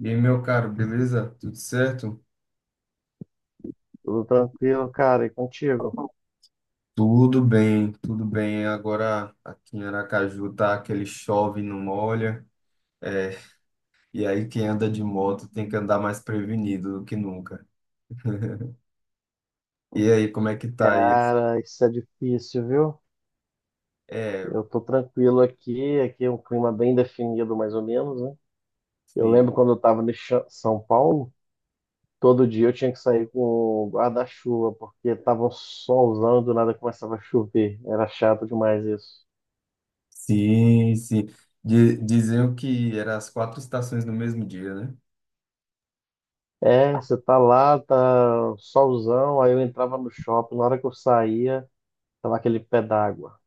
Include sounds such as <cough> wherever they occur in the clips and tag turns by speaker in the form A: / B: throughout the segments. A: E aí, meu caro, beleza? Tudo certo?
B: Tudo tranquilo, cara, e contigo?
A: Tudo bem, tudo bem. Agora aqui em Aracaju tá aquele chove, e não molha. É, e aí quem anda de moto tem que andar mais prevenido do que nunca. E aí, como é que tá isso?
B: Cara, isso é difícil, viu?
A: É,
B: Eu tô tranquilo aqui, aqui é um clima bem definido, mais ou menos, né? Eu lembro
A: sim,
B: quando eu tava em São Paulo, todo dia eu tinha que sair com o guarda-chuva, porque tava um solzão e do nada começava a chover. Era chato demais isso.
A: sim, sim. Diziam que eram as quatro estações no mesmo dia, né?
B: É, você tá lá, tá solzão, aí eu entrava no shopping, na hora que eu saía, tava aquele pé d'água.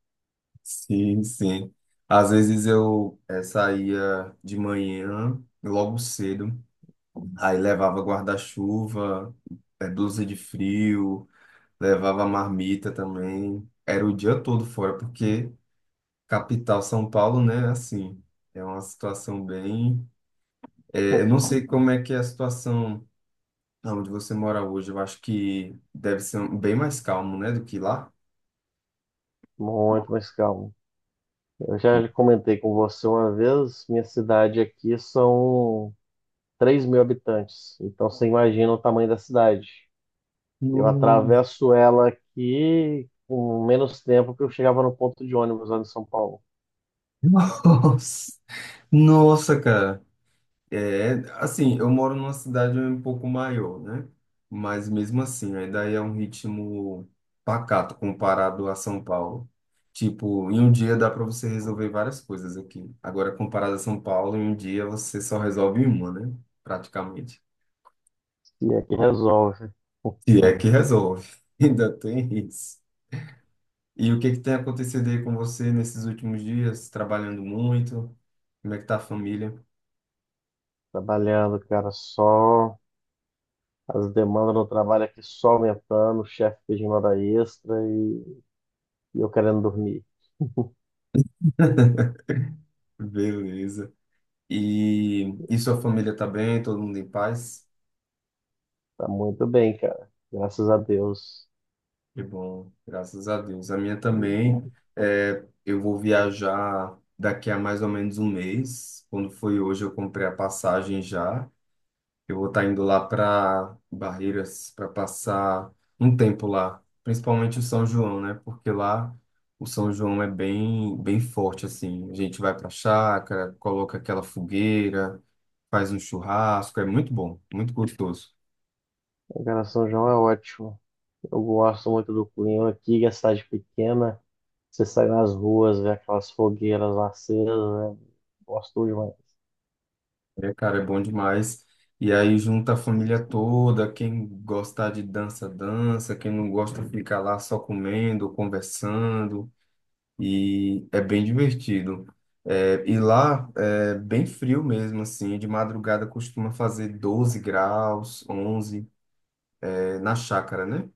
A: Sim, sim. Às vezes eu saía de manhã, logo cedo. Aí levava guarda-chuva, blusa de frio, levava marmita também. Era o dia todo fora, porque capital São Paulo, né? Assim, é uma situação bem. Eu não
B: <laughs>
A: sei como é que é a situação onde você mora hoje. Eu acho que deve ser bem mais calmo, né, do que lá.
B: Muito mais calmo. Eu já comentei com você uma vez, minha cidade aqui são 3.000 habitantes, então você imagina o tamanho da cidade. Eu atravesso ela aqui com menos tempo que eu chegava no ponto de ônibus lá em São Paulo.
A: Nossa, <laughs> nossa, cara. É, assim, eu moro numa cidade um pouco maior, né? Mas mesmo assim, ainda é um ritmo pacato comparado a São Paulo. Tipo, em um dia dá para você resolver várias coisas aqui. Agora, comparado a São Paulo, em um dia você só resolve uma, né? Praticamente.
B: E aqui resolve, né?
A: Se é que resolve. <laughs> Ainda tem isso. E o que que tem acontecido aí com você nesses últimos dias? Trabalhando muito? Como é que tá a família?
B: Trabalhando, cara, só as demandas no trabalho aqui só aumentando, o chefe pedindo hora extra e eu querendo dormir.
A: Beleza. E sua família tá bem? Todo mundo em paz?
B: Tá muito bem, cara, graças a Deus.
A: Que bom, graças a Deus. A minha também. É, eu vou viajar daqui a mais ou menos um mês. Quando foi hoje, eu comprei a passagem já. Eu vou estar indo lá para Barreiras para passar um tempo lá, principalmente o São João, né? Porque lá o São João é bem, bem forte assim. A gente vai para a chácara, coloca aquela fogueira, faz um churrasco, é muito bom, muito gostoso.
B: A São João é ótimo. Eu gosto muito do clima aqui, que é cidade pequena. Você sai nas ruas, vê aquelas fogueiras acesas, né? Gosto demais.
A: É, cara, é bom demais. E aí junta a família toda, quem gostar de dança, dança, quem não gosta fica lá só comendo, conversando, e é bem divertido. É, e lá é bem frio mesmo, assim, de madrugada costuma fazer 12 graus, 11, é, na chácara, né?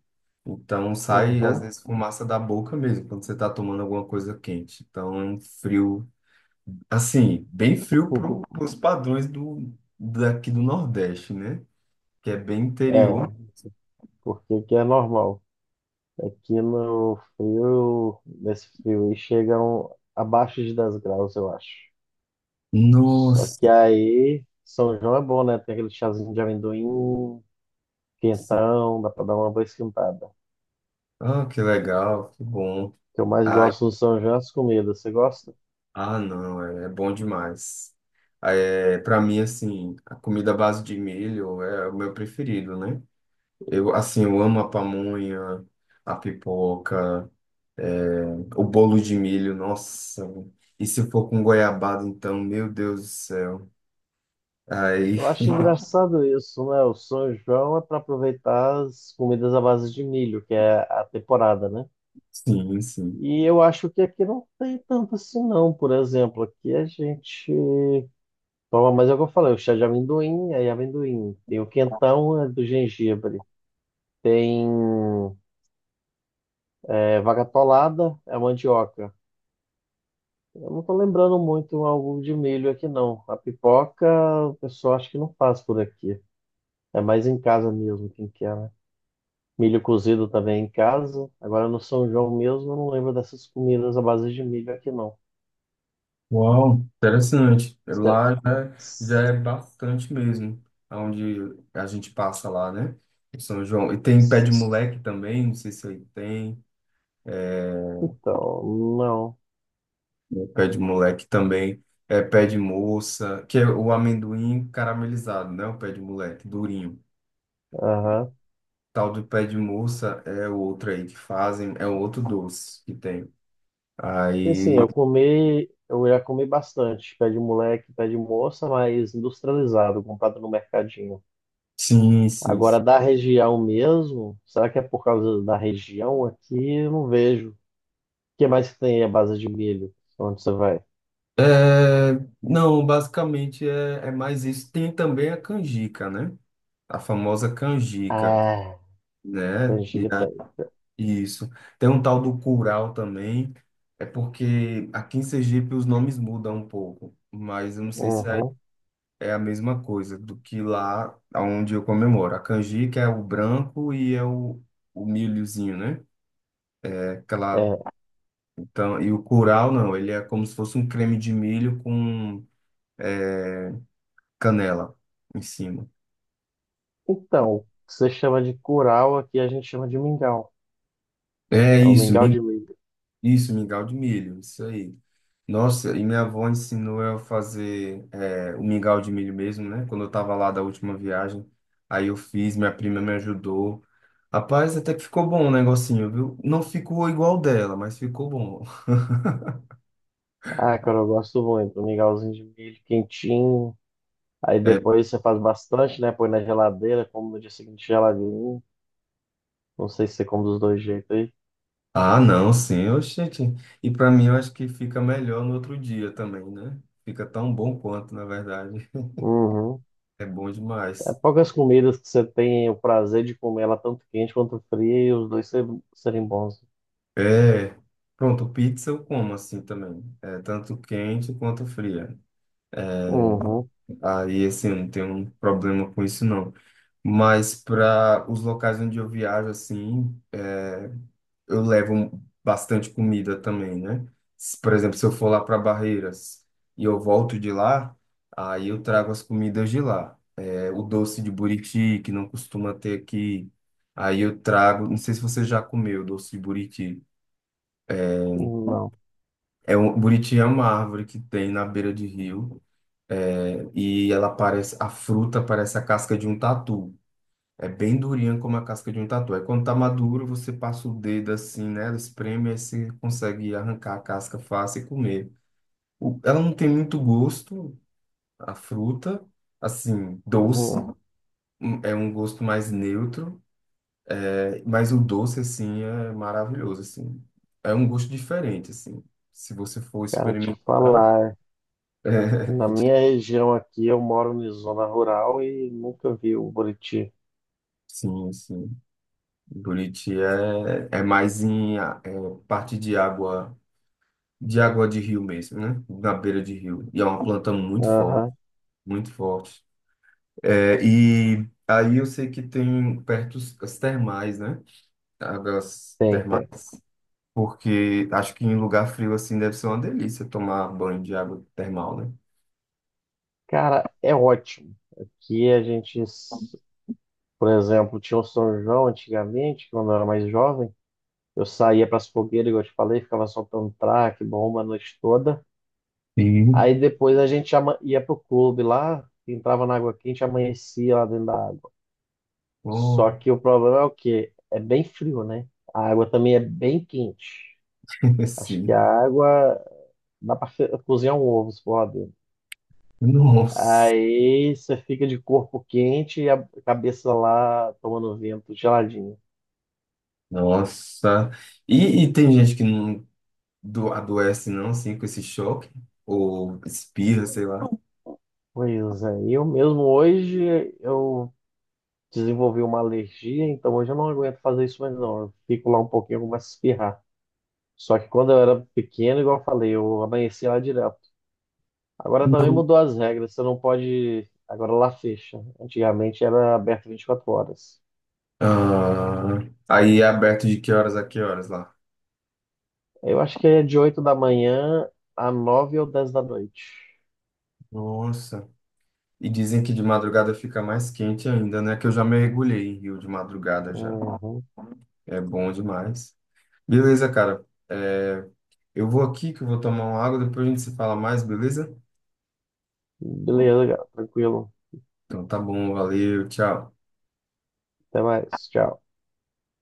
A: Então sai, às
B: Uhum.
A: vezes, fumaça da boca mesmo, quando você tá tomando alguma coisa quente. Então é um frio. Assim, bem frio para
B: <laughs>
A: os padrões do, daqui do Nordeste, né? Que é bem interior.
B: É, porque aqui é normal. Aqui no frio, nesse frio aí, chegam abaixo de 10 graus, eu acho. Só que
A: Nossa,
B: aí, São João é bom, né? Tem aquele chazinho de amendoim,
A: sim.
B: quentão, dá pra dar uma boa esquentada. O
A: Ah, que legal, que bom.
B: que eu mais
A: Ah
B: gosto no São João é as comidas. Você gosta?
A: ah, não, é, é bom demais. É, para mim, assim, a comida à base de milho é o meu preferido, né? Eu, assim, eu amo a pamonha, a pipoca, é, o bolo de milho, nossa. E se for com goiabada, então, meu Deus do céu. Aí,
B: Eu acho
A: <laughs>
B: engraçado isso, né? O São João é para aproveitar as comidas à base de milho, que é a temporada, né?
A: sim, sim.
B: E eu acho que aqui não tem tanto assim, não. Por exemplo, aqui a gente toma, mas é o que eu falei, o chá de amendoim, aí amendoim. Tem o quentão, é do gengibre. Tem é, vaca atolada, é mandioca. Eu não tô lembrando muito algo de milho aqui, não. A pipoca, o pessoal acho que não faz por aqui. É mais em casa mesmo quem quer, né? Milho cozido também em casa. Agora no São João mesmo, eu não lembro dessas comidas à base de milho aqui, não.
A: Uau, interessante.
B: Cê-
A: Lá já, já é bastante mesmo, onde a gente passa lá, né? Em São João. E tem pé de moleque também, não sei se aí tem. É,
B: Então, não.
A: né, pé de moleque também. É pé de moça, que é o amendoim caramelizado, né? O pé de moleque, durinho.
B: Aham.
A: Tal do pé de moça é outro aí que fazem, é um outro doce que tem.
B: Sim, sim,
A: Aí,
B: eu comi, eu já comi bastante. Pé de moleque, pé de moça, mas industrializado, comprado no mercadinho.
A: sim, sim.
B: Agora,
A: Sim.
B: da região mesmo, será que é por causa da região aqui? Eu não vejo. O que mais que tem aí à base de milho? Onde você vai?
A: É, não, basicamente é, é mais isso. Tem também a canjica, né? A famosa canjica,
B: Ah,
A: né?
B: canjica tem.
A: Isso. Tem um tal do curau também. É porque aqui em Sergipe os nomes mudam um pouco, mas eu não sei se aí
B: Uhum.
A: é a mesma coisa do que lá onde eu comemoro. A canjica é o branco e é o milhozinho, né? É aquela,
B: É.
A: então, e o curau não, ele é como se fosse um creme de milho com é, canela em cima.
B: Então, o que você chama de curau, aqui a gente chama de mingau.
A: É
B: É o
A: isso.
B: mingau de milho.
A: Isso, mingau de milho, isso aí. Nossa, e minha avó ensinou eu a fazer é, o mingau de milho mesmo, né? Quando eu tava lá da última viagem, aí eu fiz, minha prima me ajudou. Rapaz, até que ficou bom o negocinho, viu? Não ficou igual dela, mas ficou bom.
B: Ah, cara, eu gosto muito. Um mingauzinho de milho quentinho. Aí
A: É,
B: depois você faz bastante, né? Põe na geladeira, como no dia seguinte geladinho. Não sei se você come dos dois jeitos aí.
A: ah, não, sim, oxente. E pra mim eu acho que fica melhor no outro dia também, né? Fica tão bom quanto, na verdade.
B: Uhum.
A: É bom
B: É
A: demais.
B: poucas comidas que você tem o prazer de comer ela tanto quente quanto fria e os dois serem bons.
A: É. Pronto, pizza eu como assim também. É, tanto quente quanto fria.
B: Uhum.
A: Aí, assim, eu não tenho um problema com isso, não. Mas para os locais onde eu viajo, assim, é, eu levo bastante comida também, né? Por exemplo, se eu for lá para Barreiras e eu volto de lá, aí eu trago as comidas de lá. É, o doce de buriti, que não costuma ter aqui. Aí eu trago, não sei se você já comeu doce de buriti.
B: Não.
A: É um, buriti é uma árvore que tem na beira de rio. É, e ela parece, a fruta parece a casca de um tatu. É bem durinha como a casca de um tatu. Aí quando tá maduro, você passa o dedo assim né? Espreme, aí você consegue arrancar a casca fácil e comer. Ela não tem muito gosto, a fruta, assim, doce.
B: Uhum.
A: É um gosto mais neutro, é, mas o doce, assim, é maravilhoso, assim. É um gosto diferente, assim. Se você for
B: Cara, te
A: experimentar,
B: falar.
A: <laughs> é,
B: Na minha região aqui, eu moro em zona rural e nunca vi o Buriti.
A: sim, sim. Buriti é, é mais em é, parte de água de água de rio mesmo, né? Na beira de rio. E é uma planta muito forte,
B: Aham,
A: muito forte. É, e aí eu sei que tem perto as termais, né? Águas
B: tem,
A: termais.
B: tem.
A: Porque acho que em lugar frio assim deve ser uma delícia tomar banho de água termal, né?
B: Cara, é ótimo que a gente, por exemplo, tinha o São João antigamente, quando eu era mais jovem, eu saía para as fogueiras, igual eu te falei, ficava soltando traque, bomba a noite toda.
A: Sim.
B: Aí depois a gente ia pro clube lá, entrava na água quente, amanhecia lá dentro da água. Só
A: Oh,
B: que o problema é o quê? É bem frio, né? A água também é bem quente.
A: <laughs>
B: Acho que
A: sim.
B: a água dá para cozinhar um ovo se for lá dentro.
A: Nossa.
B: Aí você fica de corpo quente e a cabeça lá tomando vento geladinho.
A: Nossa. E tem gente que não adoece não, assim, com esse choque? Ou espirra, sei lá.
B: Pois é, e eu mesmo hoje eu desenvolvi uma alergia, então hoje eu não aguento fazer isso mais não. Eu fico lá um pouquinho, eu começo a espirrar. Só que quando eu era pequeno, igual eu falei, eu amanhecia lá direto. Agora também mudou as regras, você não pode. Agora lá fecha. Antigamente era aberto 24 horas.
A: Ah, aí é aberto de que horas a que horas lá?
B: Eu acho que é de 8 da manhã a 9 ou 10 da noite.
A: Nossa. E dizem que de madrugada fica mais quente ainda, né? Que eu já mergulhei em rio de madrugada já.
B: Uhum.
A: É bom demais. Beleza, cara. É, eu vou aqui que eu vou tomar uma água, depois a gente se fala mais, beleza?
B: Beleza, cara. Tranquilo.
A: Então tá bom, valeu, tchau.
B: Até mais. Tchau.